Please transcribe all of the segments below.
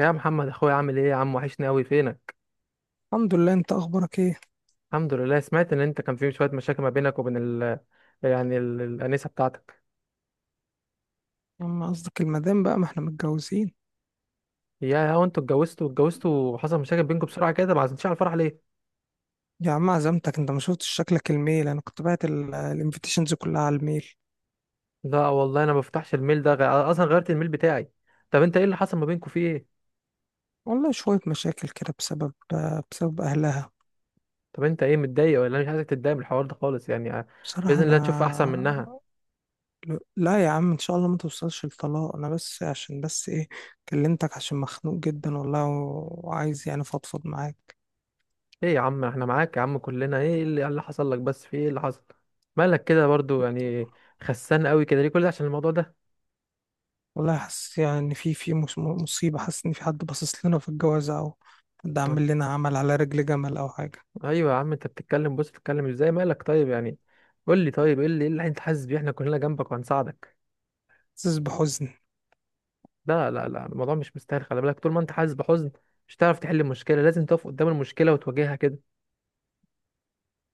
يا محمد اخويا عامل ايه يا عم، وحشني قوي فينك. الحمد لله، انت اخبارك ايه؟ الحمد لله، سمعت ان انت كان في شويه مشاكل ما بينك وبين الانسه بتاعتك. يا عم قصدك المدام، بقى ما احنا متجوزين. يا هو انتوا اتجوزتوا وحصل مشاكل بينكم بسرعه كده، ما عزمتش على الفرح ليه؟ يا عم عزمتك، انت ما شفتش شكلك الميل. انا كنت باعت الانفيتيشنز كلها على الميل. لا والله انا ما بفتحش الميل ده، اصلا غيرت الميل بتاعي. طب انت ايه اللي حصل ما بينكم، فيه ايه؟ والله شوية مشاكل كده بسبب اهلها. طب انت ايه متضايق؟ ولا أنا مش عايزك تتضايق من الحوار ده خالص يعني. آه، بصراحة باذن الله تشوف احسن انا... منها. لا يا عم، ان شاء الله ما توصلش لطلاق. انا بس عشان بس ايه، كلمتك عشان مخنوق جدا والله، وعايز يعني فضفض معاك. ايه يا عم، احنا معاك يا عم كلنا. إيه اللي حصل لك؟ بس في ايه اللي حصل؟ مالك كده برضو يعني؟ خسان قوي كده ليه؟ كل ده عشان الموضوع ده؟ والله حاسس يعني ان في مصيبة. حاسس ان في حد باصص لنا في الجوازة، او حد عامل لنا عمل على رجل جمل او حاجة. ايوه يا عم، انت بتتكلم، بص بتتكلم ازاي، مالك طيب يعني؟ قول لي طيب ايه اللي إيه اللي انت حاسس بيه. احنا كلنا جنبك وهنساعدك. حاسس بحزن. لا لا لا، الموضوع مش مستاهل، خلي بالك. طول ما انت حاسس بحزن مش هتعرف تحل المشكله. لازم تقف قدام المشكله وتواجهها كده.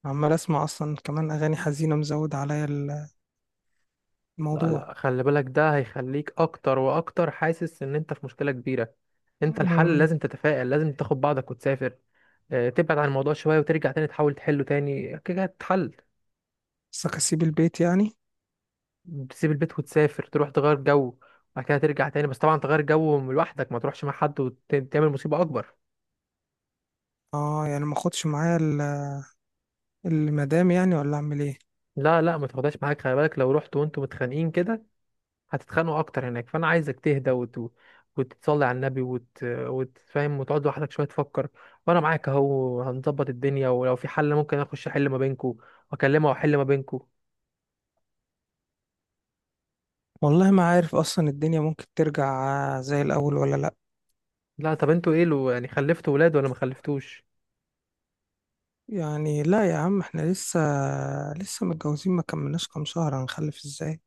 عمال اسمع اصلا كمان اغاني حزينه، مزود عليا لا الموضوع. لا، خلي بالك ده هيخليك اكتر واكتر حاسس ان انت في مشكله كبيره. انت الحل أمم، لازم تتفائل، لازم تاخد بعضك وتسافر. آه، تبعد عن الموضوع شويه وترجع تاني تحاول تحله تاني كده هتتحل. بس اسيب البيت يعني. تسيب البيت وتسافر، تروح تغير جو. وبعد كده ترجع تاني. بس طبعا تغير جو لوحدك، ما تروحش مع حد وتعمل مصيبة أكبر. اه يعني ما اخدش معايا المدام يعني؟ ولا اعمل ايه؟ لا لا، ما تاخدهاش معاك. خلي بالك لو رحت وانتوا متخانقين كده هتتخانقوا أكتر هناك. فأنا عايزك تهدى وتتصلي على النبي وتفهم وتقعد لوحدك شوية تفكر. وأنا معاك أهو، هنظبط الدنيا. ولو في حل ممكن أخش أحل ما بينكوا وأكلمها وأحل ما بينكوا. والله ما عارف اصلا الدنيا ممكن ترجع زي الاول ولا لا. لا، طب انتوا ايه؟ لو يعني خلفتوا ولاد ولا ما خلفتوش؟ يعني لا يا عم، احنا لسه متجوزين، ما كملناش كام شهر، هنخلف ازاي؟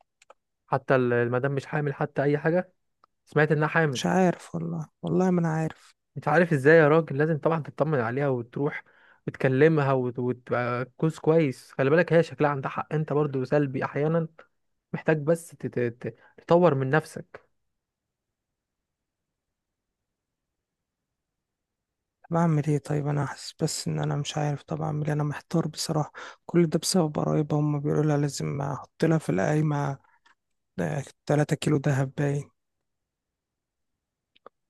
حتى المدام مش حامل حتى أي حاجة؟ سمعت إنها حامل. مش عارف والله، والله ما انا عارف. انت عارف ازاي يا راجل؟ لازم طبعا تطمن عليها وتروح وتكلمها وتبقى كوز كويس. خلي بالك، هي شكلها عندها حق. انت برضو سلبي احيانا، محتاج بس تطور من نفسك. طب اعمل ايه طيب؟ انا حاسس بس ان انا مش عارف. طب اعمل ايه؟ انا محتار بصراحه. كل ده بسبب قرايبها، هم بيقولوا لها لازم احط لها في القايمه ده 3 كيلو دهب باين.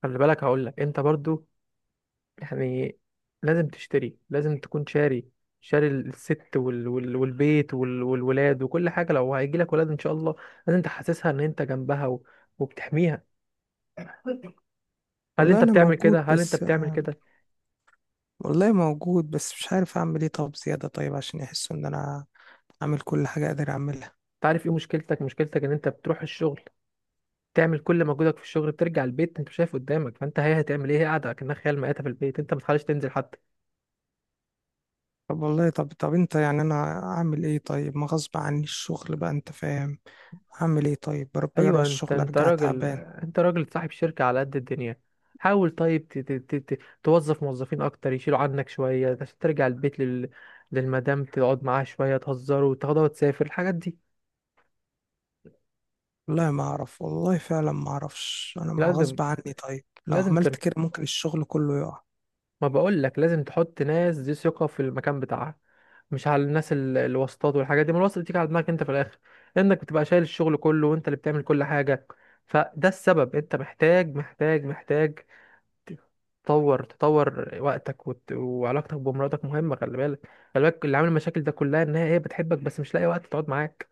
خلي بالك، هقول لك انت برضو يعني لازم تشتري، لازم تكون شاري، شاري الست والبيت والولاد وكل حاجة، لو هيجي لك ولاد ان شاء الله. لازم تحسسها ان انت جنبها وبتحميها. هل والله انت انا بتعمل كده؟ موجود، بس والله موجود بس مش عارف اعمل ايه. طب زيادة طيب، عشان يحسوا ان انا اعمل كل حاجة اقدر اعملها. تعرف ايه مشكلتك ان انت بتروح الشغل تعمل كل مجهودك في الشغل، بترجع البيت انت مش شايف قدامك. فانت هي هتعمل ايه؟ هي قاعده كأنها خيال مآتة في البيت، انت ما بتخليش تنزل حتى. طب والله، طب انت يعني انا اعمل ايه طيب؟ ما غصب عني الشغل بقى، انت فاهم؟ اعمل ايه طيب؟ بروح باجي اروح ايوه انت الشغل انت ارجع راجل، تعبان. انت راجل صاحب شركه على قد الدنيا. حاول طيب توظف موظفين اكتر يشيلوا عنك شويه عشان ترجع البيت للمدام تقعد معاها شويه، تهزروا، تاخدها وتسافر الحاجات دي. والله ما اعرف، والله فعلا ما اعرفش. انا ما لازم، غصب عني طيب، لو لازم عملت ترجع. كده ممكن الشغل كله يقع. ما بقول لك لازم تحط ناس ذي ثقه في المكان بتاعها، مش على الناس الواسطات والحاجات دي. ما الواسطه بتيجي على دماغك انت في الاخر، انك بتبقى شايل الشغل كله وانت اللي بتعمل كل حاجه. فده السبب. انت محتاج محتاج تطور وقتك وعلاقتك بمراتك مهمه، خلي بالك. خلي بالك اللي عامل المشاكل ده كلها ان هي بتحبك بس مش لاقي وقت تقعد معاك.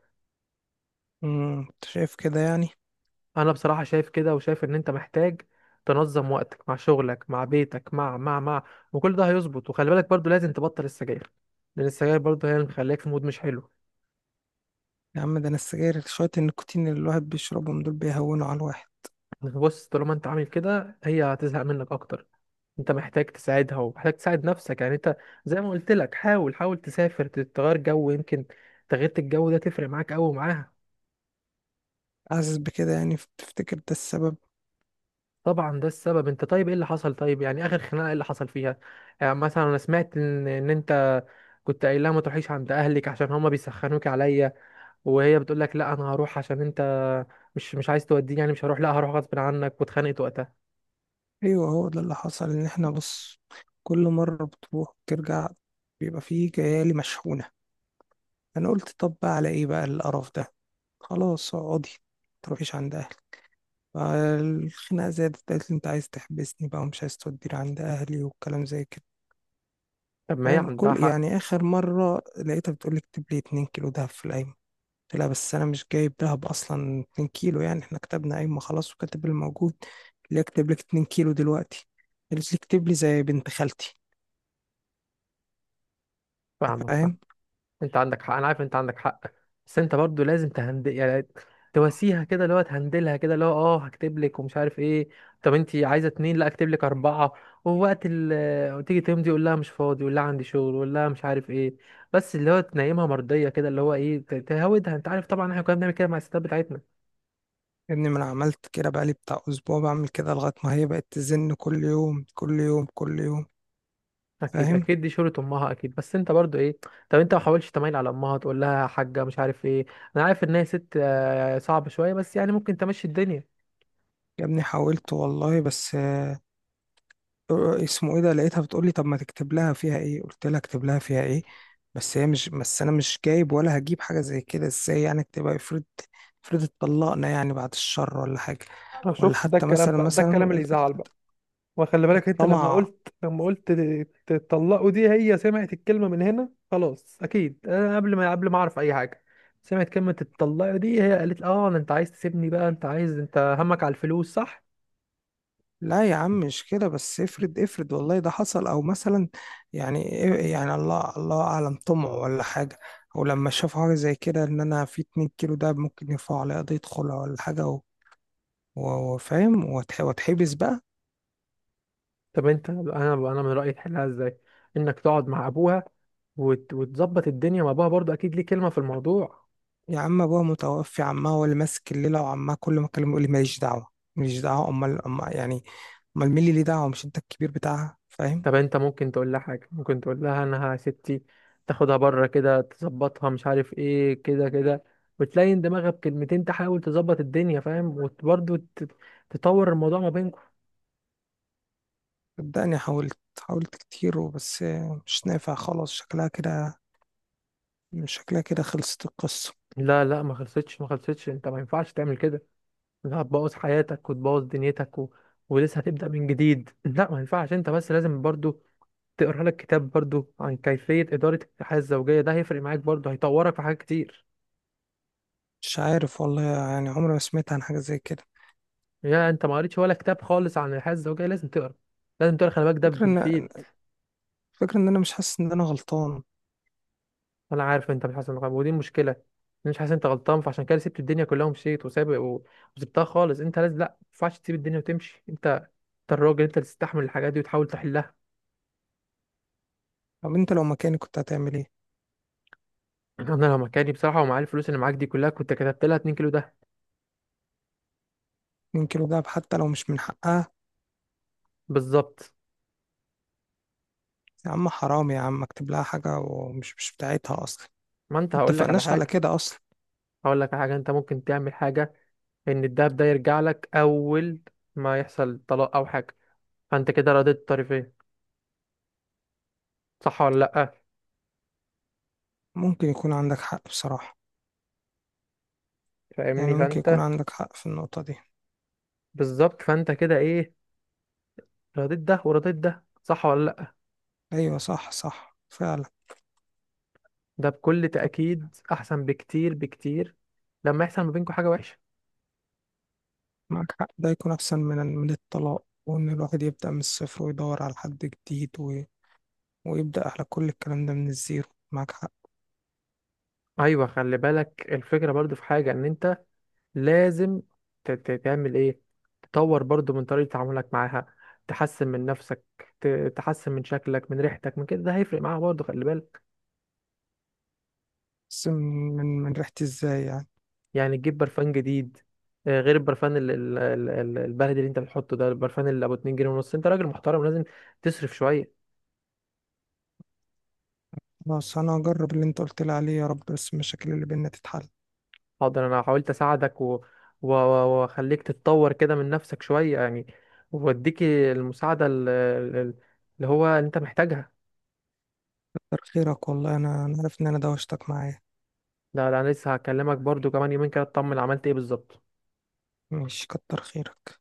انت شايف كده يعني؟ انا بصراحه شايف كده، وشايف ان انت محتاج تنظم وقتك مع شغلك مع بيتك مع وكل ده هيظبط. وخلي بالك برضو لازم تبطل السجاير، لان السجاير برضو هي اللي مخليك في مود مش حلو. يا عم ده انا السجاير، شوية النيكوتين اللي الواحد بيشربهم دول بيهونوا على الواحد. بص طالما انت عامل كده هي هتزهق منك اكتر. انت محتاج تساعدها ومحتاج تساعد نفسك يعني. انت زي ما قلت لك، حاول، تسافر تغير جو، يمكن تغيرة الجو ده تفرق معاك قوي معاها. حاسس بكده يعني، تفتكر ده السبب؟ طبعا ده السبب. انت طيب ايه اللي حصل، طيب يعني اخر خناقه ايه اللي حصل فيها؟ يعني مثلا انا سمعت ان انت كنت قايل لها ما تروحيش عند اهلك عشان هما بيسخنوك عليا، وهي بتقول لك لا انا هروح، عشان انت مش عايز توديني يعني مش هروح، لا هروح غصب عنك. واتخانقت وقتها. ايوه، هو ده اللي حصل. ان احنا بص، كل مرة بتروح وترجع بيبقى فيه جيالي مشحونة. انا قلت طب بقى على ايه بقى القرف ده؟ خلاص اقعدي، متروحيش عند اهلي. فالخناقة زادت، قالت لي انت عايز تحبسني بقى ومش عايز توديني عند اهلي، والكلام زي كده. طب ما هي فاهم؟ عندها كل حق. يعني اخر مرة لقيتها بتقول لي اكتب لي 2 كيلو دهب في الأيمن. قلت لها بس انا مش جايب دهب اصلا 2 كيلو، يعني احنا كتبنا قايمه خلاص وكاتب اللي موجود. اللي اكتب لك 2 كيلو دلوقتي؟ قالت لي اكتب لي زي بنت خالتي. فاهمك، فاهمك. فاهم؟ انت عندك حق، انا عارف انت عندك حق. بس انت برضو لازم تهندل يعني، تواسيها كده، اللي هو تهندلها كده، اللي هو اه هكتب لك، ومش عارف ايه. طب انت عايزه اتنين؟ لا اكتب لك اربعه. ووقت ال تيجي تمضي يقول لها مش فاضي، يقول لها عندي شغل، يقول لها مش عارف ايه. بس اللي هو تنيمها مرضيه كده، اللي هو ايه تهودها. انت عارف طبعا، احنا كنا بنعمل كده مع الستات بتاعتنا. ان ما انا عملت كده بقالي بتاع اسبوع بعمل كده، لغايه ما هي بقت تزن كل يوم كل يوم كل يوم. اكيد، فاهم؟ دي شغلة امها اكيد. بس انت برضو ايه؟ طب انت ما حاولتش تميل على امها تقول لها يا حاجه مش عارف ايه؟ انا عارف ان هي ست آه، صعبه شويه، بس يعني ممكن تمشي الدنيا. يا ابني حاولت والله، بس اسمه ايه ده، لقيتها بتقول لي طب ما تكتب لها فيها ايه؟ قلت لها اكتب لها فيها ايه؟ بس هي مش، بس انا مش جايب ولا هجيب حاجه زي كده ازاي؟ يعني تبقى افرض اتطلقنا يعني، بعد الشر ولا حاجه. أنا ولا شفت ده حتى الكلام، مثلا بقى ده الكلام اللي مثلا يزعل بقى. وخلي بالك انت لما الطمع. قلت، تطلقوا، دي هي سمعت الكلمة من هنا خلاص اكيد. انا قبل ما اعرف اي حاجة، سمعت كلمة تطلقوا دي، هي قالت اه انت عايز تسيبني بقى، انت عايز، انت همك على الفلوس صح. لا يا عم مش كده، بس افرض والله ده حصل او مثلا. يعني يعني الله اعلم، طمع ولا حاجه. او لما شافوا حاجه زي كده ان انا في 2 كيلو، ده ممكن يرفعوا عليا قضيه خلع ولا حاجه، وفاهم، واتحبس بقى. طب انت، انا من رأيي تحلها ازاي؟ انك تقعد مع ابوها وتظبط الدنيا مع ابوها، برضه اكيد ليه كلمة في الموضوع. يا عم ابوها متوفي، عمها هو اللي ماسك الليله، وعمها كل ما اكلمه يقول لي ماليش دعوه ماليش دعوه. امال امال يعني، امال مين اللي ليه دعوه؟ مش انت الكبير بتاعها؟ فاهم؟ طب انت ممكن تقول لها حاجه، ممكن تقول لها انها يا ستي تاخدها بره كده، تظبطها، مش عارف ايه كده كده. وتلاقي ان دماغها بكلمتين تحاول تظبط الدنيا، فاهم؟ وبرضه تطور الموضوع ما بينكم. صدقني، حاولت كتير وبس، مش نافع خلاص. شكلها كده، شكلها كده خلصت القصه. لا لا ما خلصتش، ما خلصتش، انت ما ينفعش تعمل كده. لا، هتبوظ حياتك وتبوظ دنيتك ولسه هتبدأ من جديد. لا ما ينفعش. انت بس لازم برضو تقرا لك كتاب برضو عن كيفية إدارة الحياة الزوجية، ده هيفرق معاك برضو، هيطورك في حاجات كتير. مش عارف والله، يعني عمري ما سمعت عن حاجه زي كده. يا انت ما قريتش ولا كتاب خالص عن الحياة الزوجية؟ لازم تقرا، لازم تقرا، خلي بالك ده الفكره ان بيفيد. الفكره ان انا مش حاسس ان انا غلطان. انا عارف انت مش حاسس ودي المشكلة، انا مش حاسس انت غلطان، فعشان كده سبت الدنيا كلها ومشيت وسابق وسبتها خالص. انت لازم، لا ما ينفعش تسيب الدنيا وتمشي. انت، انت الراجل، انت اللي تستحمل الحاجات دي وتحاول تحلها. طب انت لو مكاني كنت هتعمل ايه؟ انا لو مكاني بصراحة، ومعايا الفلوس اللي معاك دي كلها، كنت كتبت لها 2 كيلو ده. يمكن دهب، حتى لو مش من حقها؟ بالظبط. يا عم حرام يا عم، اكتب لها حاجه ومش مش بتاعتها اصلا، ما انت، هقول لك على متفقناش على حاجة، كده اصلا. انت ممكن تعمل حاجة، ان الدهب ده يرجع لك اول ما يحصل طلاق او حاجة. فانت كده رضيت الطرفين، صح ولا لا؟ ممكن يكون عندك حق بصراحة، يعني فاهمني؟ ممكن يكون فانت عندك حق في النقطة دي. بالظبط، فانت كده ايه، رضيت ده ورضيت ده، صح ولا لا؟ أيوة، صح صح فعلا. ده بكل طب تأكيد احسن بكتير، بكتير. لما يحصل ما بينكم حاجة وحشة. معك حق، ده يكون أحسن من الطلاق، وإن الواحد يبدأ من الصفر ويدور على حد جديد، ويبدأ على كل الكلام ده من الزيرو. معك حق. ايوه خلي بالك، الفكرة برضو في حاجة ان انت لازم تعمل ايه، تطور برضو من طريقة تعاملك معاها، تحسن من نفسك، تحسن من شكلك، من ريحتك، من كده، ده هيفرق معاها برضو، خلي بالك. بس من ريحة ازاي يعني؟ يعني تجيب برفان جديد، آه، غير البرفان البلدي اللي انت بتحطه ده، البرفان اللي ابو 2 جنيه ونص. انت راجل محترم لازم تصرف شوية. خلاص أنا هجرب اللي أنت قلت لي عليه. يا رب بس المشاكل اللي بينا تتحل. حاضر، انا حاولت اساعدك واخليك تتطور كده من نفسك شوية يعني، واديك المساعدة اللي هو انت محتاجها. كتر خيرك والله، أنا عارف إن أنا دوشتك معايا. لا لا، انا لسه هكلمك برضو كمان يومين كده، اطمن عملت ايه بالظبط. ماشي، كتر خيرك.